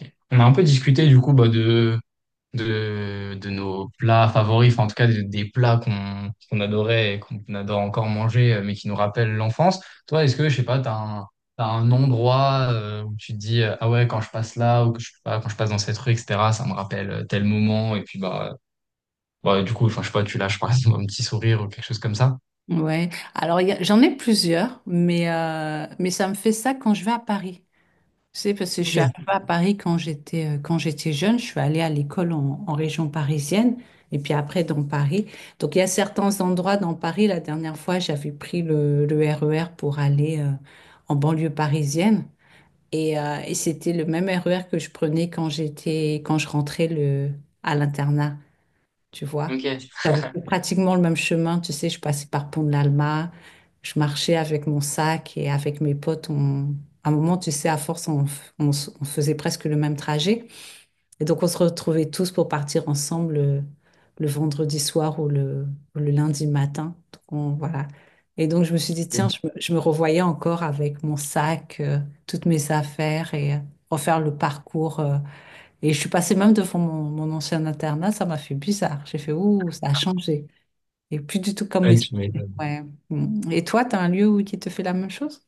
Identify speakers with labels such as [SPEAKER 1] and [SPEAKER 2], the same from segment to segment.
[SPEAKER 1] Ok. On a un peu discuté du coup bah, de nos plats favoris, enfin en tout cas des plats qu'on adorait et qu'on adore encore manger, mais qui nous rappellent l'enfance. Toi, est-ce que, je sais pas, t'as un endroit où tu te dis, ah ouais, quand je passe là, ou que je, sais pas, quand je passe dans cette rue, etc., ça me rappelle tel moment, et puis bah, du coup, enfin, je sais pas, tu lâches par exemple un petit sourire ou quelque chose comme ça.
[SPEAKER 2] Ouais, alors j'en ai plusieurs, mais ça me fait ça quand je vais à Paris. Tu sais, parce que je suis
[SPEAKER 1] Ok,
[SPEAKER 2] arrivée à Paris quand j'étais jeune, je suis allée à l'école en région parisienne et puis après dans Paris. Donc il y a certains endroits dans Paris, la dernière fois j'avais pris le RER pour aller en banlieue parisienne et c'était le même RER que je prenais quand je rentrais à l'internat tu vois.
[SPEAKER 1] ok.
[SPEAKER 2] J'avais fait pratiquement le même chemin, tu sais, je passais par Pont de l'Alma, je marchais avec mon sac et avec mes potes, on... à un moment, tu sais, à force, on, f- on s- on faisait presque le même trajet. Et donc, on se retrouvait tous pour partir ensemble vendredi soir ou le lundi matin. Donc, voilà. Et donc, je me suis dit, tiens, je me revoyais encore avec mon sac, toutes mes affaires et refaire le parcours. Et je suis passée même devant mon ancien internat, ça m'a fait bizarre. J'ai fait, ouh, ça a changé. Et plus du tout comme
[SPEAKER 1] Ouais,
[SPEAKER 2] mes
[SPEAKER 1] tu
[SPEAKER 2] souvenirs.
[SPEAKER 1] m'étonnes.
[SPEAKER 2] Ouais. Mm. Et toi, tu as un lieu où qui te fait la même chose?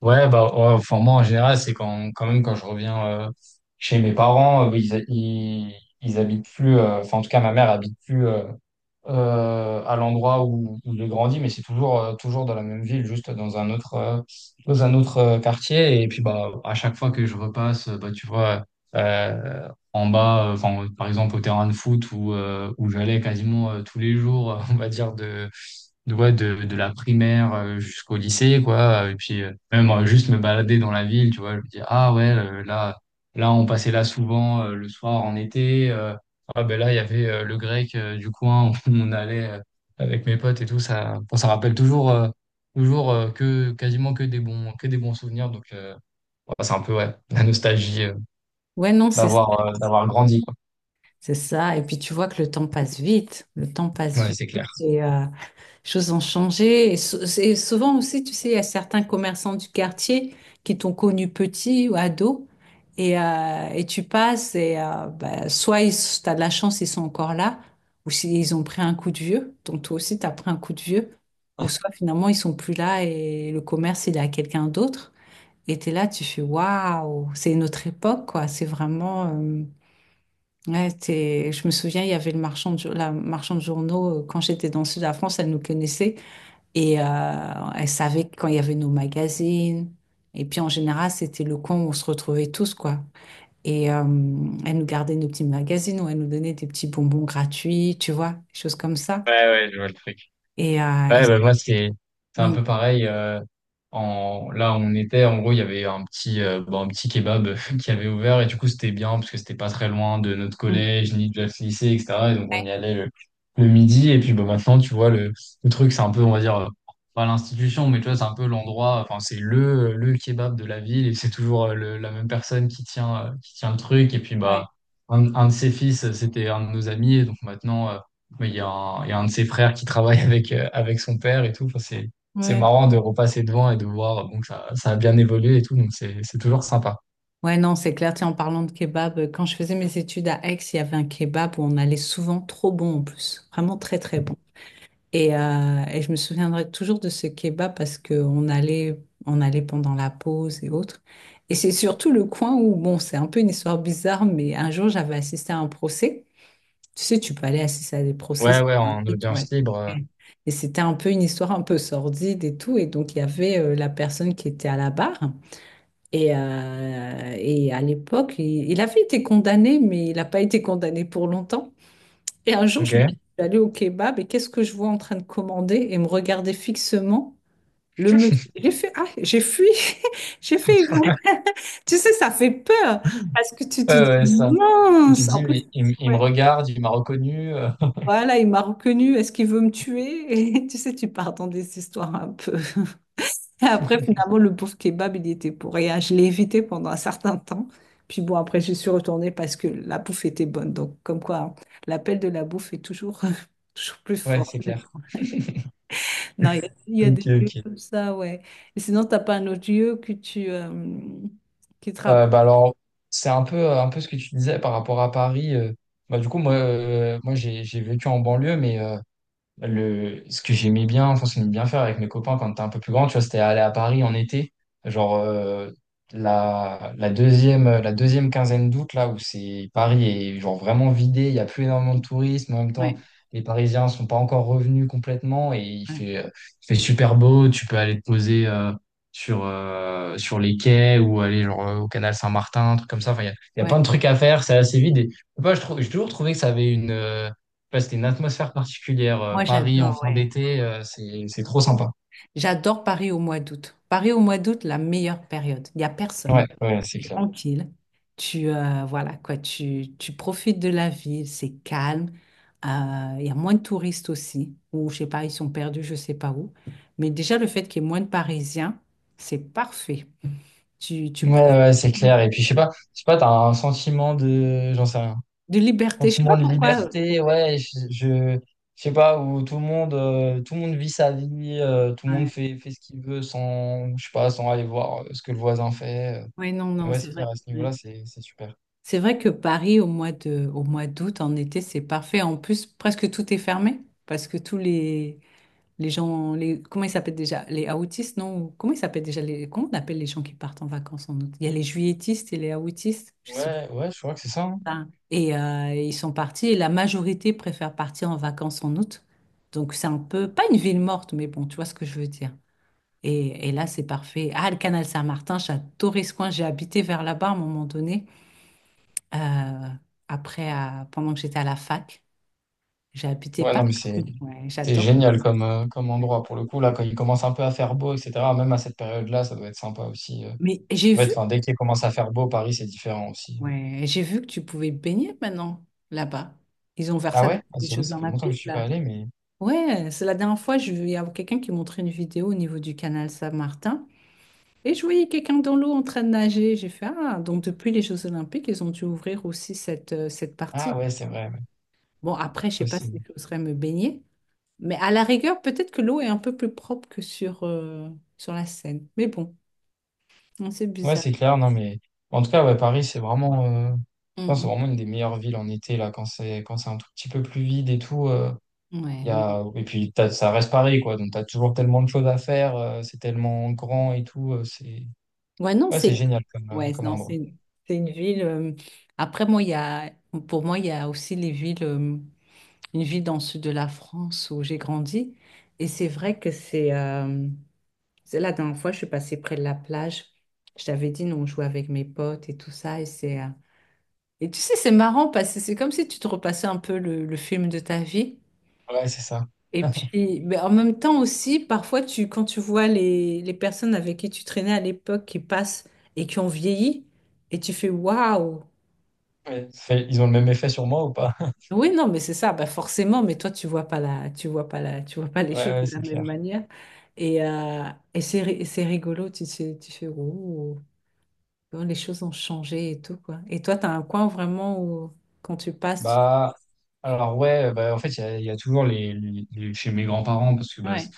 [SPEAKER 1] Ouais, bah, ouais, enfin, moi, en général, c'est quand même quand je reviens chez mes parents, bah, ils habitent plus, enfin, en tout cas, ma mère habite plus à l'endroit où j'ai grandi, mais c'est toujours dans la même ville, juste dans un autre quartier. Et puis, bah, à chaque fois que je repasse, bah, tu vois, euh, en bas, enfin, par exemple, au terrain de foot où j'allais quasiment tous les jours, on va dire, de la primaire jusqu'au lycée, quoi. Et puis, même juste me balader dans la ville, tu vois, je me dis, ah ouais, là, on passait là souvent le soir en été. Ah ben là, il y avait le grec du coin où on allait avec mes potes et tout. Ça, enfin, ça rappelle toujours, que quasiment que des bons souvenirs. Donc, ouais, c'est un peu, ouais, la nostalgie
[SPEAKER 2] Ouais, non,
[SPEAKER 1] d'avoir grandi, quoi.
[SPEAKER 2] c'est ça. Et puis tu vois que le temps passe vite. Le temps passe
[SPEAKER 1] Ouais,
[SPEAKER 2] vite.
[SPEAKER 1] c'est clair.
[SPEAKER 2] Et, choses ont changé. Et, et souvent aussi, tu sais, il y a certains commerçants du quartier qui t'ont connu petit ou ado. Et tu passes et bah, t'as de la chance, ils sont encore là, ou s'ils ont pris un coup de vieux, donc toi aussi t'as pris un coup de vieux, ou soit finalement ils sont plus là et le commerce il est à quelqu'un d'autre. Et t'es là, tu fais waouh, c'est une autre époque quoi. C'est vraiment, ouais, je me souviens, il y avait le marchand de, jour- la marchande de journaux quand j'étais dans le sud de la France, elle nous connaissait. Et elle savait quand il y avait nos magazines. Et puis en général, c'était le coin où on se retrouvait tous, quoi. Et elle nous gardait nos petits magazines ou elle nous donnait des petits bonbons gratuits, tu vois, des choses comme ça.
[SPEAKER 1] Ouais, ouais, je vois le truc.
[SPEAKER 2] Et,
[SPEAKER 1] Ouais, bah, moi, c'est un
[SPEAKER 2] Mm,
[SPEAKER 1] peu pareil. Là, on était, en gros, il y avait un petit kebab qui avait ouvert. Et du coup, c'était bien parce que c'était pas très loin de notre
[SPEAKER 2] mm.
[SPEAKER 1] collège, ni de notre lycée, etc. Et donc, on
[SPEAKER 2] Ouais,
[SPEAKER 1] y allait le midi. Et puis, bah, maintenant, tu vois, le truc, c'est un peu, on va dire, pas l'institution, mais tu vois, c'est un peu l'endroit, enfin, c'est le kebab de la ville. Et c'est toujours la même personne qui tient le truc. Et puis,
[SPEAKER 2] ouais,
[SPEAKER 1] bah, un de ses fils, c'était un de nos amis. Et donc, maintenant, mais il y a un de ses frères qui travaille avec son père et tout. Enfin, c'est
[SPEAKER 2] ouais.
[SPEAKER 1] marrant de repasser devant et de voir bon, que ça a bien évolué et tout. Donc, c'est toujours sympa.
[SPEAKER 2] Ouais, non, c'est clair. Tiens, en parlant de kebab, quand je faisais mes études à Aix, il y avait un kebab où on allait souvent, trop bon en plus, vraiment très très bon. Et je me souviendrai toujours de ce kebab on allait pendant la pause et autres. Et c'est surtout le coin où, bon, c'est un peu une histoire bizarre, mais un jour, j'avais assisté à un procès. Tu sais, tu peux aller assister à des procès,
[SPEAKER 1] Ouais,
[SPEAKER 2] c'est
[SPEAKER 1] ouais,
[SPEAKER 2] un
[SPEAKER 1] en
[SPEAKER 2] truc, ouais.
[SPEAKER 1] audience libre.
[SPEAKER 2] Ouais. Et c'était un peu une histoire un peu sordide et tout. Et donc, il y avait la personne qui était à la barre. Et à l'époque, il avait été condamné, mais il n'a pas été condamné pour longtemps. Et un jour,
[SPEAKER 1] Ok. Ouais,
[SPEAKER 2] je suis allée au kebab et qu'est-ce que je vois en train de commander et me regarder fixement le monsieur. J'ai fait, ah, j'ai fui, j'ai fait, tu sais, ça fait peur parce que tu te dis,
[SPEAKER 1] ouais, ça. Tu te
[SPEAKER 2] mince, en
[SPEAKER 1] dis,
[SPEAKER 2] plus,
[SPEAKER 1] mais il me
[SPEAKER 2] ouais,
[SPEAKER 1] regarde, il m'a reconnu.
[SPEAKER 2] voilà, il m'a reconnu, est-ce qu'il veut me tuer? Et tu sais, tu pars dans des histoires un peu. Et après, finalement, le pauvre kebab, il y était pour rien. Je l'ai évité pendant un certain temps. Puis bon, après, j'y suis retournée parce que la bouffe était bonne. Donc, comme quoi, hein, l'appel de la bouffe est toujours, toujours plus
[SPEAKER 1] Ouais,
[SPEAKER 2] fort.
[SPEAKER 1] c'est clair.
[SPEAKER 2] Non, il y a
[SPEAKER 1] Ok,
[SPEAKER 2] des lieux
[SPEAKER 1] ok.
[SPEAKER 2] comme ça, ouais. Et sinon, t'as pas un autre lieu que tu qui te
[SPEAKER 1] Euh,
[SPEAKER 2] rappelle.
[SPEAKER 1] bah alors, c'est un peu ce que tu disais par rapport à Paris. Bah, du coup, moi j'ai vécu en banlieue, mais. Ce que j'aimais bien, faire avec mes copains quand t'es un peu plus grand, tu vois, c'était aller à Paris en été, genre la deuxième quinzaine d'août, là où c'est Paris est genre vraiment vidé, il n'y a plus énormément de touristes, mais en même temps,
[SPEAKER 2] Ouais,
[SPEAKER 1] les Parisiens sont pas encore revenus complètement et il
[SPEAKER 2] ouais,
[SPEAKER 1] fait, euh, il fait super beau, tu peux aller te poser sur les quais ou aller genre au canal Saint-Martin, un truc comme ça, enfin, il y a
[SPEAKER 2] ouais.
[SPEAKER 1] plein de trucs à faire, c'est assez vide et je sais pas, je trouve, j'ai toujours trouvé que ça avait une. Ouais, c'était une atmosphère particulière.
[SPEAKER 2] Moi,
[SPEAKER 1] Paris en
[SPEAKER 2] j'adore,
[SPEAKER 1] fin
[SPEAKER 2] ouais.
[SPEAKER 1] d'été, c'est trop sympa.
[SPEAKER 2] J'adore Paris au mois d'août. Paris au mois d'août, la meilleure période. Il n'y a personne.
[SPEAKER 1] Ouais, ouais, c'est
[SPEAKER 2] C'est
[SPEAKER 1] clair.
[SPEAKER 2] tranquille. Voilà, quoi. Tu profites de la ville. C'est calme. Euh, Il y a moins de touristes aussi. Ou, je sais pas, ils sont perdus, je sais pas où. Mais déjà, le fait qu'il y ait moins de Parisiens, c'est parfait. Tu
[SPEAKER 1] Ouais,
[SPEAKER 2] profites.
[SPEAKER 1] ouais, c'est clair.
[SPEAKER 2] De
[SPEAKER 1] Et puis je sais
[SPEAKER 2] tout.
[SPEAKER 1] pas, je sais pas, t'as un sentiment de, j'en sais rien,
[SPEAKER 2] De liberté, je sais pas
[SPEAKER 1] sentiment de
[SPEAKER 2] pourquoi.
[SPEAKER 1] liberté.
[SPEAKER 2] Ouais,
[SPEAKER 1] Ouais, je sais pas où tout le monde vit sa vie, tout le monde
[SPEAKER 2] ouais.
[SPEAKER 1] fait ce qu'il veut sans, je sais pas, sans aller voir ce que le voisin fait.
[SPEAKER 2] Ouais, non,
[SPEAKER 1] Et
[SPEAKER 2] non,
[SPEAKER 1] ouais,
[SPEAKER 2] c'est
[SPEAKER 1] c'est
[SPEAKER 2] vrai.
[SPEAKER 1] clair à ce
[SPEAKER 2] Ouais.
[SPEAKER 1] niveau-là, c'est super.
[SPEAKER 2] C'est vrai que Paris, au mois d'août, en été, c'est parfait. En plus, presque tout est fermé parce que comment ils s'appellent déjà? Les aoûtistes, non? Ou comment ils s'appellent déjà comment on appelle les gens qui partent en vacances en août? Il y a les juilletistes et les aoûtistes, je sais
[SPEAKER 1] Ouais, ouais, je crois que c'est ça, hein.
[SPEAKER 2] pas. Et ils sont partis et la majorité préfère partir en vacances en août. Donc, c'est un peu, pas une ville morte, mais bon, tu vois ce que je veux dire. Et là, c'est parfait. Ah, le canal Saint-Martin, j'adorais ce coin. J'ai habité vers là-bas à un moment donné. Euh, après, pendant que j'étais à la fac, j'ai habité
[SPEAKER 1] Ouais,
[SPEAKER 2] pas.
[SPEAKER 1] non, mais c'est
[SPEAKER 2] Ouais,
[SPEAKER 1] c'est
[SPEAKER 2] j'adore.
[SPEAKER 1] génial comme
[SPEAKER 2] Ouais.
[SPEAKER 1] endroit pour le coup. Là, quand il commence un peu à faire beau, etc., même à cette période-là, ça doit être sympa aussi.
[SPEAKER 2] Mais j'ai
[SPEAKER 1] En fait,
[SPEAKER 2] vu,
[SPEAKER 1] enfin, dès qu'il commence à faire beau, Paris, c'est différent aussi.
[SPEAKER 2] ouais, j'ai vu que tu pouvais baigner maintenant là-bas. Ils ont ouvert
[SPEAKER 1] Ah
[SPEAKER 2] ça
[SPEAKER 1] ouais?
[SPEAKER 2] depuis
[SPEAKER 1] Ah,
[SPEAKER 2] les
[SPEAKER 1] c'est vrai,
[SPEAKER 2] Jeux
[SPEAKER 1] ça fait longtemps que je
[SPEAKER 2] Olympiques,
[SPEAKER 1] suis pas
[SPEAKER 2] là.
[SPEAKER 1] allé, mais.
[SPEAKER 2] Ouais, c'est la dernière fois, il y a quelqu'un qui montrait une vidéo au niveau du canal Saint-Martin. Et je voyais quelqu'un dans l'eau en train de nager. J'ai fait, ah, donc depuis les Jeux Olympiques, ils ont dû ouvrir aussi cette
[SPEAKER 1] Ah
[SPEAKER 2] partie.
[SPEAKER 1] ouais, c'est vrai, ouais,
[SPEAKER 2] Bon, après, je sais pas si
[SPEAKER 1] possible.
[SPEAKER 2] j'oserais me baigner, mais à la rigueur, peut-être que l'eau est un peu plus propre que sur, sur la Seine. Mais bon, non, c'est
[SPEAKER 1] Ouais,
[SPEAKER 2] bizarre.
[SPEAKER 1] c'est clair, non, mais. En tout cas, ouais, Paris, c'est vraiment. Je pense que c'est
[SPEAKER 2] Mm,
[SPEAKER 1] vraiment une des meilleures villes en été, là, quand c'est un tout petit peu plus vide et tout.
[SPEAKER 2] mm. Ouais,
[SPEAKER 1] Il y
[SPEAKER 2] non.
[SPEAKER 1] a. Et puis, ça reste Paris, quoi. Donc, t'as toujours tellement de choses à faire, c'est tellement grand et tout. C'est.
[SPEAKER 2] Ouais, non,
[SPEAKER 1] Ouais, c'est
[SPEAKER 2] c'est
[SPEAKER 1] génial comme, euh,
[SPEAKER 2] ouais,
[SPEAKER 1] comme
[SPEAKER 2] non,
[SPEAKER 1] endroit.
[SPEAKER 2] c'est une ville. Après, moi, il y a, pour moi, il y a aussi les villes, une ville dans le sud de la France où j'ai grandi. Et c'est vrai que c'est la dernière fois, je suis passée près de la plage. Je t'avais dit, nous, on jouait avec mes potes et tout ça. Et c'est et tu sais, c'est marrant parce que c'est comme si tu te repassais un peu le film de ta vie.
[SPEAKER 1] Ouais, c'est ça.
[SPEAKER 2] Et puis, mais en même temps aussi, parfois, quand tu vois les personnes avec qui tu traînais à l'époque qui passent et qui ont vieilli, et tu fais waouh!
[SPEAKER 1] Ouais, ils ont le même effet sur moi ou pas?
[SPEAKER 2] Oui, non, mais c'est ça, bah forcément, mais toi, tu vois pas les
[SPEAKER 1] Ouais,
[SPEAKER 2] choses de
[SPEAKER 1] ouais,
[SPEAKER 2] la
[SPEAKER 1] c'est
[SPEAKER 2] même
[SPEAKER 1] clair.
[SPEAKER 2] manière. Et, et c'est rigolo, tu fais oh, comment les choses ont changé et tout, quoi. Et toi, tu as un coin vraiment où, quand tu passes,
[SPEAKER 1] Bah, alors ouais, bah, en fait, il y a toujours chez mes grands-parents parce que
[SPEAKER 2] tu...
[SPEAKER 1] bah, c'est
[SPEAKER 2] Ouais,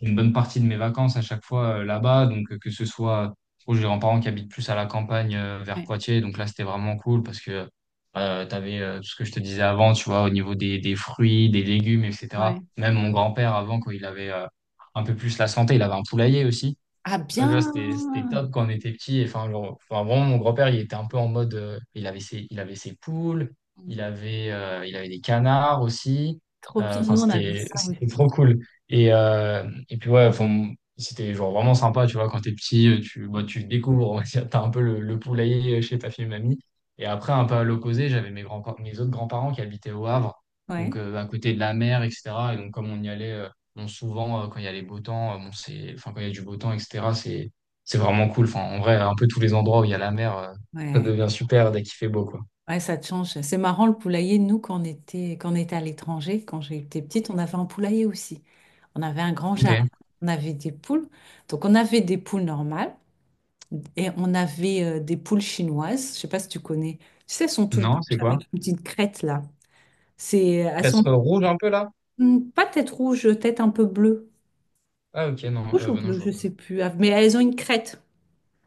[SPEAKER 1] c'est une bonne partie de mes vacances à chaque fois là-bas. Donc, que ce soit, bon, j'ai des grands-parents qui habitent plus à la campagne vers
[SPEAKER 2] ouais,
[SPEAKER 1] Poitiers. Donc là, c'était vraiment cool parce que tu avais tout ce que je te disais avant, tu vois, au niveau des fruits, des légumes, etc.
[SPEAKER 2] ouais.
[SPEAKER 1] Même mon grand-père, avant, quand il avait un peu plus la santé, il avait un poulailler aussi.
[SPEAKER 2] Ah
[SPEAKER 1] Ça, tu vois, c'était
[SPEAKER 2] bien!
[SPEAKER 1] c'était top quand on était petit. Enfin, genre, enfin, vraiment, mon grand-père, il était un peu en mode. Il avait ses poules, il avait des canards aussi.
[SPEAKER 2] Trop bien,
[SPEAKER 1] Enfin,
[SPEAKER 2] nous on avait
[SPEAKER 1] c'était
[SPEAKER 2] ça
[SPEAKER 1] c'était trop
[SPEAKER 2] aussi.
[SPEAKER 1] cool. Et, euh, et puis, ouais, enfin, c'était genre vraiment sympa, tu vois, quand t'es petit, bah, tu découvres, on va dire, t'as un peu le poulailler chez ta fille et mamie. Et après, un peu à l'opposé, j'avais mes autres grands-parents qui habitaient au Havre, donc
[SPEAKER 2] Ouais,
[SPEAKER 1] à côté de la mer, etc. Et donc, comme on y allait. Bon, souvent, quand il y a les beaux temps, bon, c'est, enfin, quand il y a du beau temps, etc., c'est vraiment cool. Enfin, en vrai, un peu tous les endroits où il y a la mer, ça
[SPEAKER 2] ouais,
[SPEAKER 1] devient super dès qu'il fait beau, quoi.
[SPEAKER 2] ouais, ça te change. C'est marrant le poulailler. Nous, quand on était à l'étranger, quand j'étais petite, on avait un poulailler aussi. On avait un grand
[SPEAKER 1] Ok.
[SPEAKER 2] jardin. On avait des poules. Donc on avait des poules normales et on avait des poules chinoises. Je sais pas si tu connais. Tu sais, elles sont toutes
[SPEAKER 1] Non, c'est
[SPEAKER 2] blanches
[SPEAKER 1] quoi?
[SPEAKER 2] avec une petite crête là. C'est, elles sont
[SPEAKER 1] Être rouge un peu là?
[SPEAKER 2] hmm, pas tête rouge, tête un peu bleue.
[SPEAKER 1] Ah, ok, non,
[SPEAKER 2] Rouge ou
[SPEAKER 1] bah non,
[SPEAKER 2] bleu,
[SPEAKER 1] je
[SPEAKER 2] je
[SPEAKER 1] vois
[SPEAKER 2] sais
[SPEAKER 1] pas.
[SPEAKER 2] plus. Ah, mais elles ont une crête.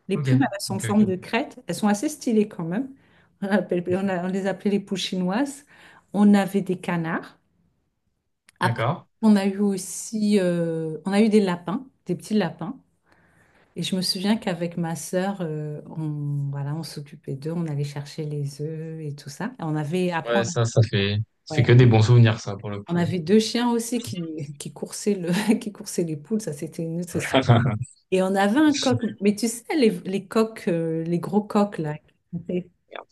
[SPEAKER 2] Les
[SPEAKER 1] Ok,
[SPEAKER 2] plumes, elles sont en
[SPEAKER 1] ok,
[SPEAKER 2] forme
[SPEAKER 1] ok.
[SPEAKER 2] de crête. Elles sont assez stylées quand même. On appelle- on a- on les appelait les poules chinoises. On avait des canards. Après,
[SPEAKER 1] D'accord.
[SPEAKER 2] on a eu aussi, on a eu des lapins, des petits lapins. Et je me souviens qu'avec ma sœur, on, voilà, on s'occupait d'eux, on allait chercher les œufs et tout ça. Et on avait,
[SPEAKER 1] Ouais, ça fait
[SPEAKER 2] ouais,
[SPEAKER 1] que des bons souvenirs, ça, pour le
[SPEAKER 2] on
[SPEAKER 1] coup.
[SPEAKER 2] avait deux chiens aussi qui coursaient le, qui coursaient les poules. Ça, c'était une autre histoire. Et on avait un coq. Mais tu sais, les coqs, les gros coqs là.
[SPEAKER 1] Merde.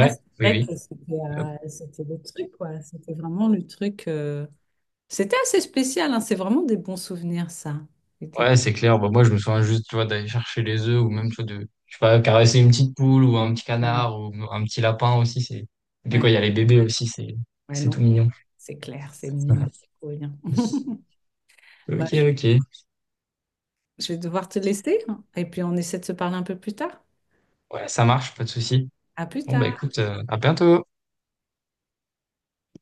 [SPEAKER 2] Ça, c'est
[SPEAKER 1] oui,
[SPEAKER 2] vrai
[SPEAKER 1] oui.
[SPEAKER 2] que c'était le truc, quoi. C'était vraiment le truc. C'était assez spécial, hein. C'est vraiment des bons souvenirs, ça. C'était...
[SPEAKER 1] Ouais, c'est clair. Bah, moi, je me souviens juste, tu vois, d'aller chercher les œufs ou même, tu vois, je sais pas, caresser une petite poule ou un petit
[SPEAKER 2] Ouais,
[SPEAKER 1] canard ou un petit lapin aussi. Et puis
[SPEAKER 2] ouais,
[SPEAKER 1] quoi, il y a les bébés aussi, c'est,
[SPEAKER 2] ouais,
[SPEAKER 1] c'est
[SPEAKER 2] non.
[SPEAKER 1] tout mignon.
[SPEAKER 2] C'est clair, c'est mignon. Trop bien. Bah,
[SPEAKER 1] Ok, ok.
[SPEAKER 2] je vais devoir te laisser hein. Et puis on essaie de se parler un peu plus tard.
[SPEAKER 1] Ouais, ça marche, pas de souci.
[SPEAKER 2] À plus
[SPEAKER 1] Bon, bah,
[SPEAKER 2] tard.
[SPEAKER 1] écoute, à bientôt.